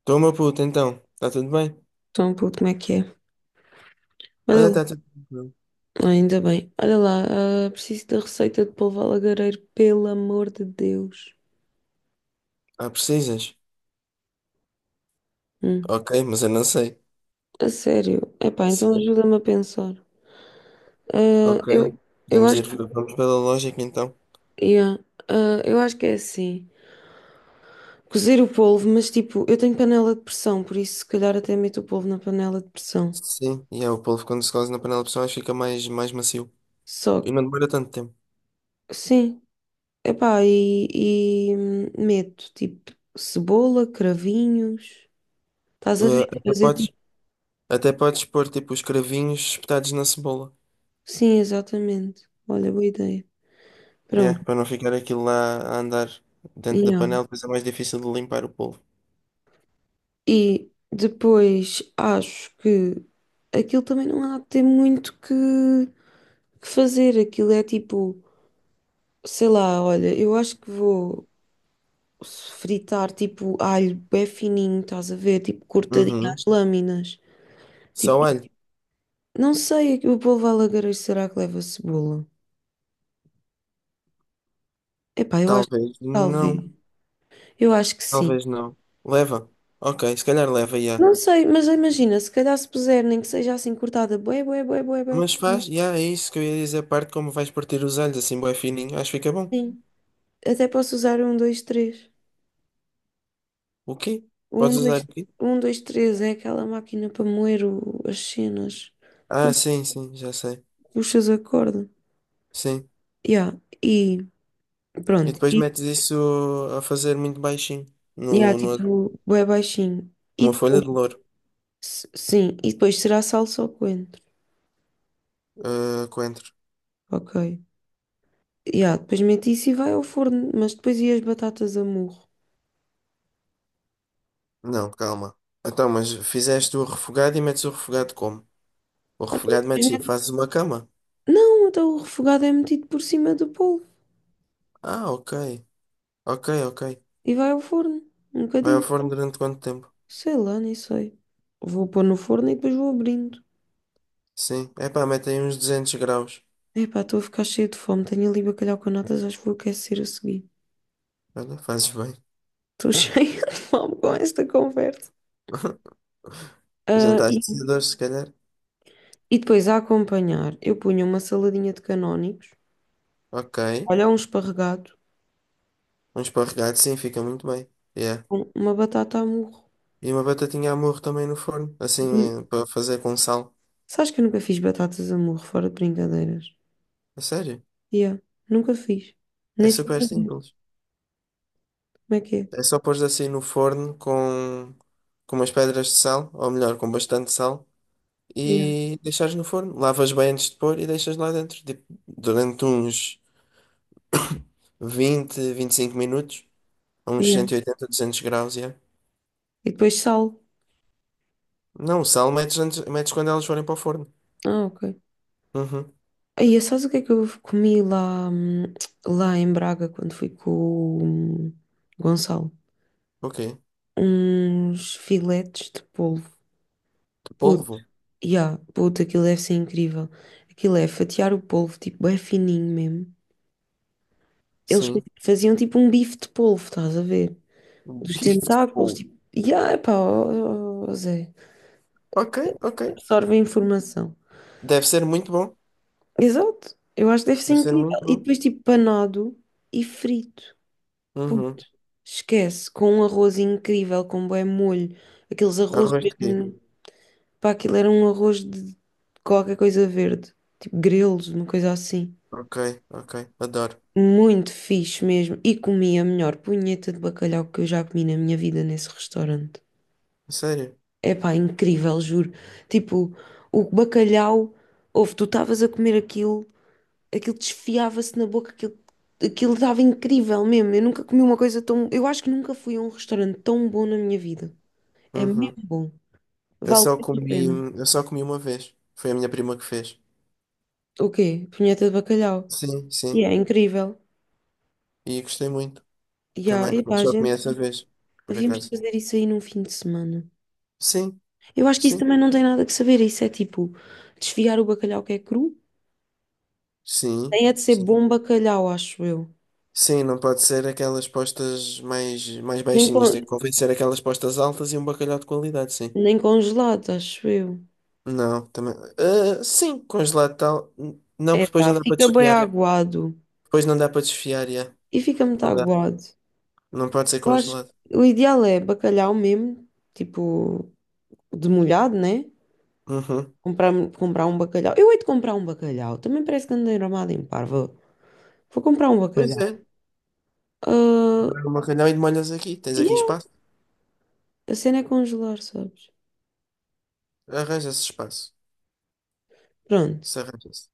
Estou, meu puto, então. Está tudo bem? Então, pô, como é que é? Olha Olha, lá. está tudo bem. Ah, ainda bem. Olha lá, ah, preciso da receita de polvo alagareiro, pelo amor de Deus. Ah, precisas? Hum, Ok, mas eu não sei. a sério. Epá, então Sim. ajuda-me a pensar. Ah, Ok. eu acho que, Vamos pela lógica então. yeah, ah, eu acho que é assim. Cozer o polvo, mas tipo, eu tenho panela de pressão, por isso se calhar até meto o polvo na panela de pressão. Sim, e é, o polvo quando se cose na panela de pressão fica mais macio. Só E que, não demora tanto tempo. sim, epá, e meto tipo cebola, cravinhos. Estás a Eh, ver? até Fazer podes, tipo. até podes pôr tipo os cravinhos espetados na cebola. Sim, exatamente. Olha, boa ideia. É, Pronto. para não ficar aquilo lá a andar dentro da Yeah. panela, depois é mais difícil de limpar o polvo. E depois acho que aquilo também não há de ter muito que fazer. Aquilo é tipo, sei lá, olha, eu acho que vou fritar tipo alho bem fininho, estás a ver? Tipo cortadinho às Uhum. lâminas. Só Tipo, alho? não sei, o polvo alagarejo será que leva cebola? Epá, eu acho que Talvez não. talvez. Eu acho que sim. Talvez não. Leva? Ok, se calhar leva, já. Não sei, mas imagina, se calhar se puser, nem que seja assim cortada, bué, bué, bué, bué, bué. Mas faz, yeah, é isso que eu ia dizer, a parte como vais partir os alhos, assim, bué fininho, acho que fica bom. Sim. Até posso usar um, dois, três. O quê? O Podes usar o quê? um, dois, três é aquela máquina para moer as cenas que Ah, sim, sim, já sei. puxas a corda. Sim. Yeah. E E pronto. depois E metes isso a fazer muito baixinho, yeah, no, no, tipo, bué baixinho. E uma folha depois, de louro, sim, e depois será salsa ou coentro. Coentro. Ok. Yeah, depois mete isso e vai ao forno, mas depois e as batatas a murro. Não, calma. Então, mas fizeste o refogado e metes o refogado como? O Até refogado depois metes, mete- fazes uma cama? Não, então o refogado é metido por cima do polvo. Ah, ok. Ok, ok. E vai ao forno. Um Vai ao bocadinho. forno durante quanto tempo? Sei lá, nem sei. Vou pôr no forno e depois vou abrindo. Sim. Epá, mete aí uns 200 graus. Epá, estou a ficar cheia de fome. Tenho ali bacalhau com natas, acho que vou aquecer a seguir. Olha, fazes bem. Estou cheia de fome com esta conversa. Ah, Jantar e, de cedores, se calhar. e depois a acompanhar, eu punha uma saladinha de canónicos, Ok. olha, um esparregado, Um esparregado, sim, fica muito bem. Yeah. uma batata a murro. E uma batatinha à morro também no forno, assim, E punha- para fazer com sal. Sabes que eu nunca fiz batatas a murro, fora de brincadeiras? É sério, Yeah, nunca fiz. é Nem sei super fazer. simples. Como é que é? É só pôr assim no forno com umas pedras de sal, ou melhor, com bastante sal, Yeah, e deixares no forno. Lavas bem antes de pôr e deixas lá dentro, tipo, durante uns 20, 25 minutos, a uns yeah. 180, 200 graus, yeah. E depois sal. Não, o sal metes, antes, metes quando elas forem para o forno. Ah, ok. Uhum. Aí, sabes o que é que eu comi lá, lá em Braga quando fui com o Gonçalo? Ok. Uns filetes de polvo. Puto, Polvo? yeah, puto, aquilo deve ser incrível. Aquilo é fatiar o polvo, tipo, é fininho mesmo. Eles Sim. faziam tipo um bife de polvo, estás a ver? Um Dos bife de tentáculos, polvo. tipo, yeah, epá, ó, ó, ó, Zé, Ok, ok. absorve a informação. Deve ser muito bom. Exato, eu acho que deve ser Deve ser incrível. muito E bom. depois, tipo, panado e frito. Puto, Uhum. esquece, com um arroz incrível, com bué molho. Aqueles arroz Arroz de quê? mesmo. Pá, aquilo era um arroz de qualquer coisa verde. Tipo grelos, uma coisa assim. Ok, ok. Adoro. Muito fixe mesmo. E comi a melhor punheta de bacalhau que eu já comi na minha vida nesse restaurante. Sério? É pá, incrível, juro. Tipo, o bacalhau, ouve, tu estavas a comer aquilo, aquilo desfiava-se na boca, aquilo estava incrível mesmo. Eu nunca comi uma coisa tão. Eu acho que nunca fui a um restaurante tão bom na minha vida. É mesmo Uhum. bom. Eu Vale só mesmo a comi, pena. eu só comi uma vez. Foi a minha prima que fez. O quê? Punheta de bacalhau. Sim, E sim. é incrível. E gostei muito E há- também. Mas epá, só comi gente, essa vez, por havíamos de acaso. fazer isso aí num fim de semana. Sim, Eu acho que isso sim. também não tem nada que saber. Isso é tipo desfiar o bacalhau que é cru. Sim, Tem é de ser sim. bom bacalhau, acho eu. Sim, não pode ser aquelas postas mais Nem, baixinhas. Tem con- que convencer aquelas postas altas e um bacalhau de qualidade, sim. nem congelado, acho eu. Não, também. Ah, sim, congelado tal. Não, É porque depois pá, não dá para fica bem desfiar. aguado. Depois não dá para desfiar, já. E fica muito Não dá. aguado. Não pode ser Eu acho congelado. que o ideal é bacalhau mesmo, tipo, demolhado, né? Uhum. Comprar, comprar um bacalhau. Eu hei de comprar um bacalhau. Também parece que andei armada em parva. Vou comprar um Pois bacalhau. é. Ah, Vai ao Macalhau e molhas aqui. Tens aqui yeah, espaço. a cena é congelar, sabes? Arranja-se espaço. Pronto. Se arranja-se.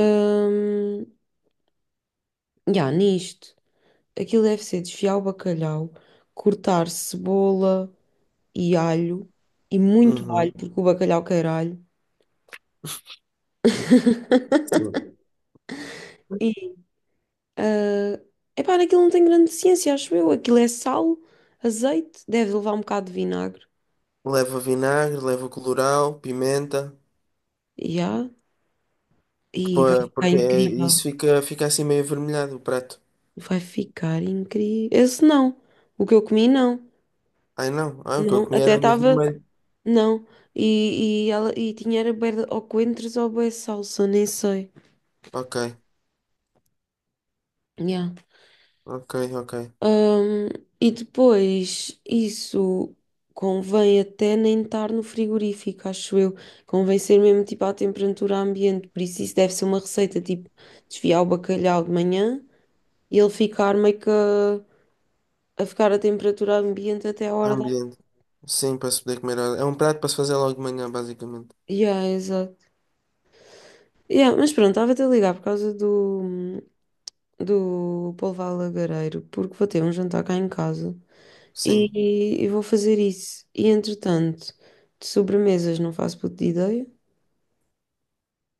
Ahm, yeah, nisto. Aquilo deve ser desfiar o bacalhau, cortar cebola e alho. E muito alho, Uhum. porque o bacalhau quer alho. Sim. E, ah, epá, naquilo não tem grande ciência, acho eu. Aquilo é sal, azeite, deve levar um bocado de vinagre. Leva vinagre, leva colorau, pimenta. Ya, que e vai ficar incrível. isso fica assim meio avermelhado, o prato. Vai ficar incrível. Esse não. O que eu comi, não. Ai não. Ah, o que eu Não. comi Até era meio estava. vermelho. Não. E tinha era bué ou coentros ou bué de salsa, nem sei. Ok, Yeah. ok, ok. Ahm, e depois, isso convém até nem estar no frigorífico, acho eu. Convém ser mesmo tipo à temperatura ambiente. Por isso, isso deve ser uma receita tipo desfiar o bacalhau de manhã e ele ficar meio que a ficar à temperatura ambiente até a hora da. Ambiente. Sim, para se poder comer. É um prato para se fazer logo de manhã, basicamente. Yeah, exato. Yeah, mas pronto, estava-te a ligar por causa do polvo lagareiro, porque vou ter um jantar cá em casa Sim. e vou fazer isso. E entretanto, de sobremesas não faço puta de ideia.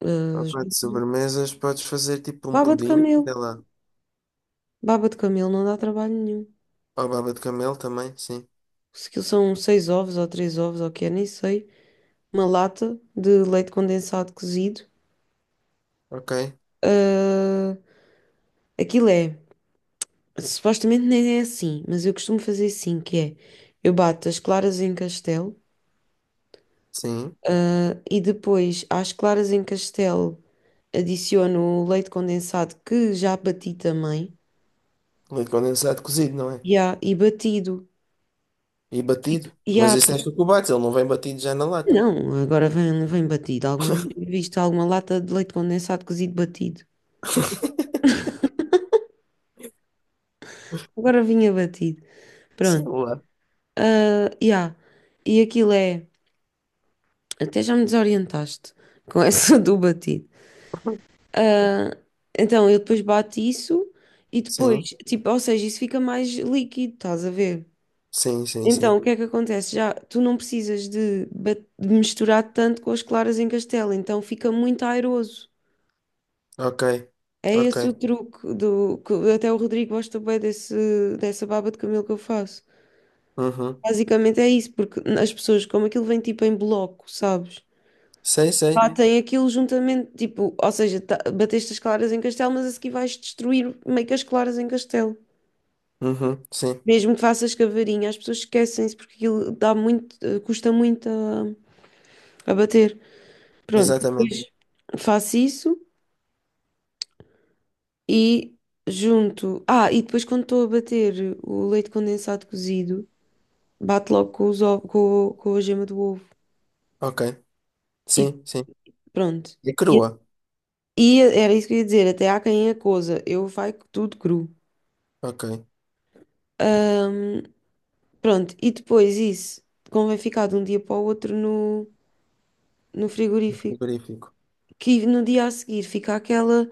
Ah, Opa, de sobremesas podes fazer tipo um baba de pudim, camelo. sei lá. Baba de camelo não dá trabalho nenhum. Ou baba de camelo também, sim. Se aquilo são seis ovos ou três ovos ou o que é, nem sei. Uma lata de leite condensado cozido. Ok, Ah, aquilo é. Supostamente nem é assim, mas eu costumo fazer assim, que é, eu bato as claras em castelo, sim. ah, e depois às claras em castelo adiciono o leite condensado que já bati também, Leite condensado cozido, não é? e batido. E batido. Fica- E Mas há, isso é chocolate, ele não vem batido já na lata. não, agora vem, batido. Alguma vez tinha visto alguma lata de leite condensado cozido batido? Agora vinha batido. Sei Pronto. lá. Ah, e há. E aquilo é, até já me desorientaste com essa do batido. Ah, então eu depois bato isso e depois, Sim, tipo, ou seja, isso fica mais líquido, estás a ver? sim, sim, Então sim. o que é que acontece? Já tu não precisas de misturar tanto com as claras em castelo, então fica muito airoso. Ok, É ok. esse o truque do que até o Rodrigo gosta bem dessa baba de camelo que eu faço. Uhum. Basicamente é isso, porque as pessoas, como aquilo vem tipo em bloco, sabes? Sei, sei. Batem aquilo juntamente, tipo, ou seja, bateste as claras em castelo, mas a seguir vais destruir meio que as claras em castelo. Uhum. Sim, Mesmo que faças cavarinha, as pessoas esquecem-se porque aquilo dá muito, custa muito a bater. Pronto, exatamente. depois faço isso e junto. Ah, e depois quando estou a bater o leite condensado cozido, bato logo com os ovos, com a gema do ovo. Ok, E sim, sim. pronto. E E, crua. e era isso que eu ia dizer, até há quem é coisa eu vai tudo cru. Ok, Hum, Pronto, e depois isso convém ficar de um dia para o outro no frigorífico, frigorífico. que no dia a seguir fica aquela,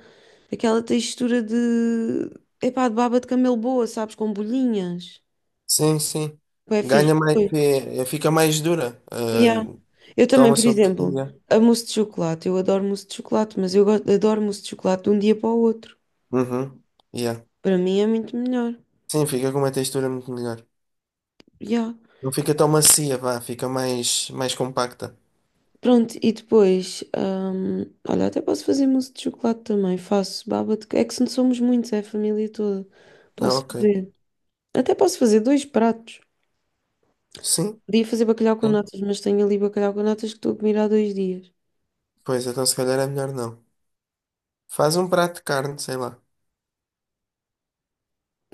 aquela textura de, epá, de baba de camelo boa, sabes, com bolhinhas. Sim, sim. É fixe. Ganha mais, Foi. Fica mais dura. Yeah. Eu também, Toma por sobre. exemplo, Yeah. a mousse de chocolate, eu adoro mousse de chocolate, mas adoro mousse de chocolate de um dia para o outro. Uhum. Yeah. Para mim é muito melhor. Sim, fica com uma textura muito melhor. Yeah. Não fica tão macia, vá, fica mais compacta. Pronto, e depois, olha, até posso fazer mousse de chocolate também, faço baba de... É que se não somos muitos, é a família toda. Ah, Posso ok. fazer. Até posso fazer dois pratos. Sim, Podia fazer bacalhau com sim. natas, mas tenho ali bacalhau com natas que estou a comer há 2 dias. Pois, então se calhar é melhor não. Faz um prato de carne, sei lá.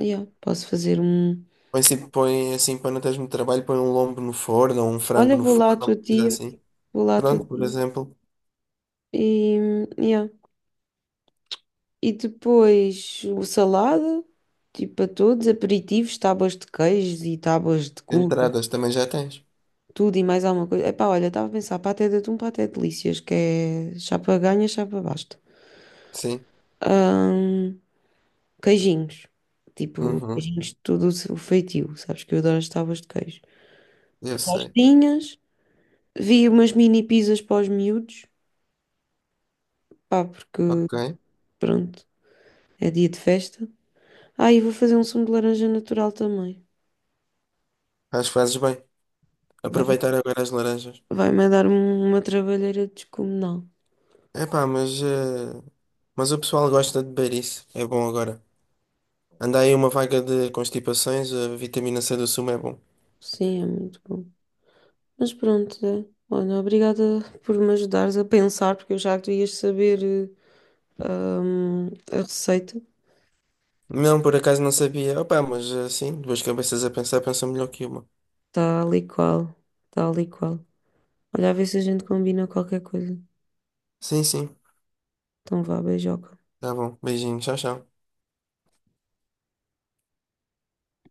Yeah, posso fazer um. Põe assim para não teres muito trabalho, põe um lombo no forno, ou um frango Olha, no vou lá à forno, tua uma coisa tia, assim. vou lá à tua Pronto, por tia. exemplo, E, yeah. E depois o salada, tipo para todos, aperitivos, tábuas de queijos e tábuas de cubo, entradas também já tens. tudo e mais alguma coisa. Epá, olha, estava a pensar, paté de atum, paté de delícias, que é chapa ganha, chapa basta. Sim. Ahm, Queijinhos, tipo, Uhum. queijinhos de todo o seu feitio, sabes que eu adoro as tábuas de queijo. Eu sei. Tostinhas. Vi umas mini pizzas para os miúdos, pá, porque Ok. pronto, é dia de festa. Ah, e vou fazer um sumo de laranja natural também. Acho que fazes bem. Vai, Aproveitar agora as laranjas. vai-me dar uma trabalheira descomunal. Epá, mas o pessoal gosta de beber isso. É bom agora. Anda aí uma vaga de constipações, a vitamina C do sumo é bom. Sim, é muito bom. Mas pronto, é. Olha, obrigada por me ajudares a pensar, porque eu já que tu ias saber eh, a receita. Não, por acaso não sabia. Opá, mas assim, duas cabeças a pensar pensam melhor que uma. Tal e qual, tal e qual. Olha, a ver se a gente combina qualquer coisa. Sim, sim. Então vá, beijoca. Tá bom. Beijinho. Tchau, tchau.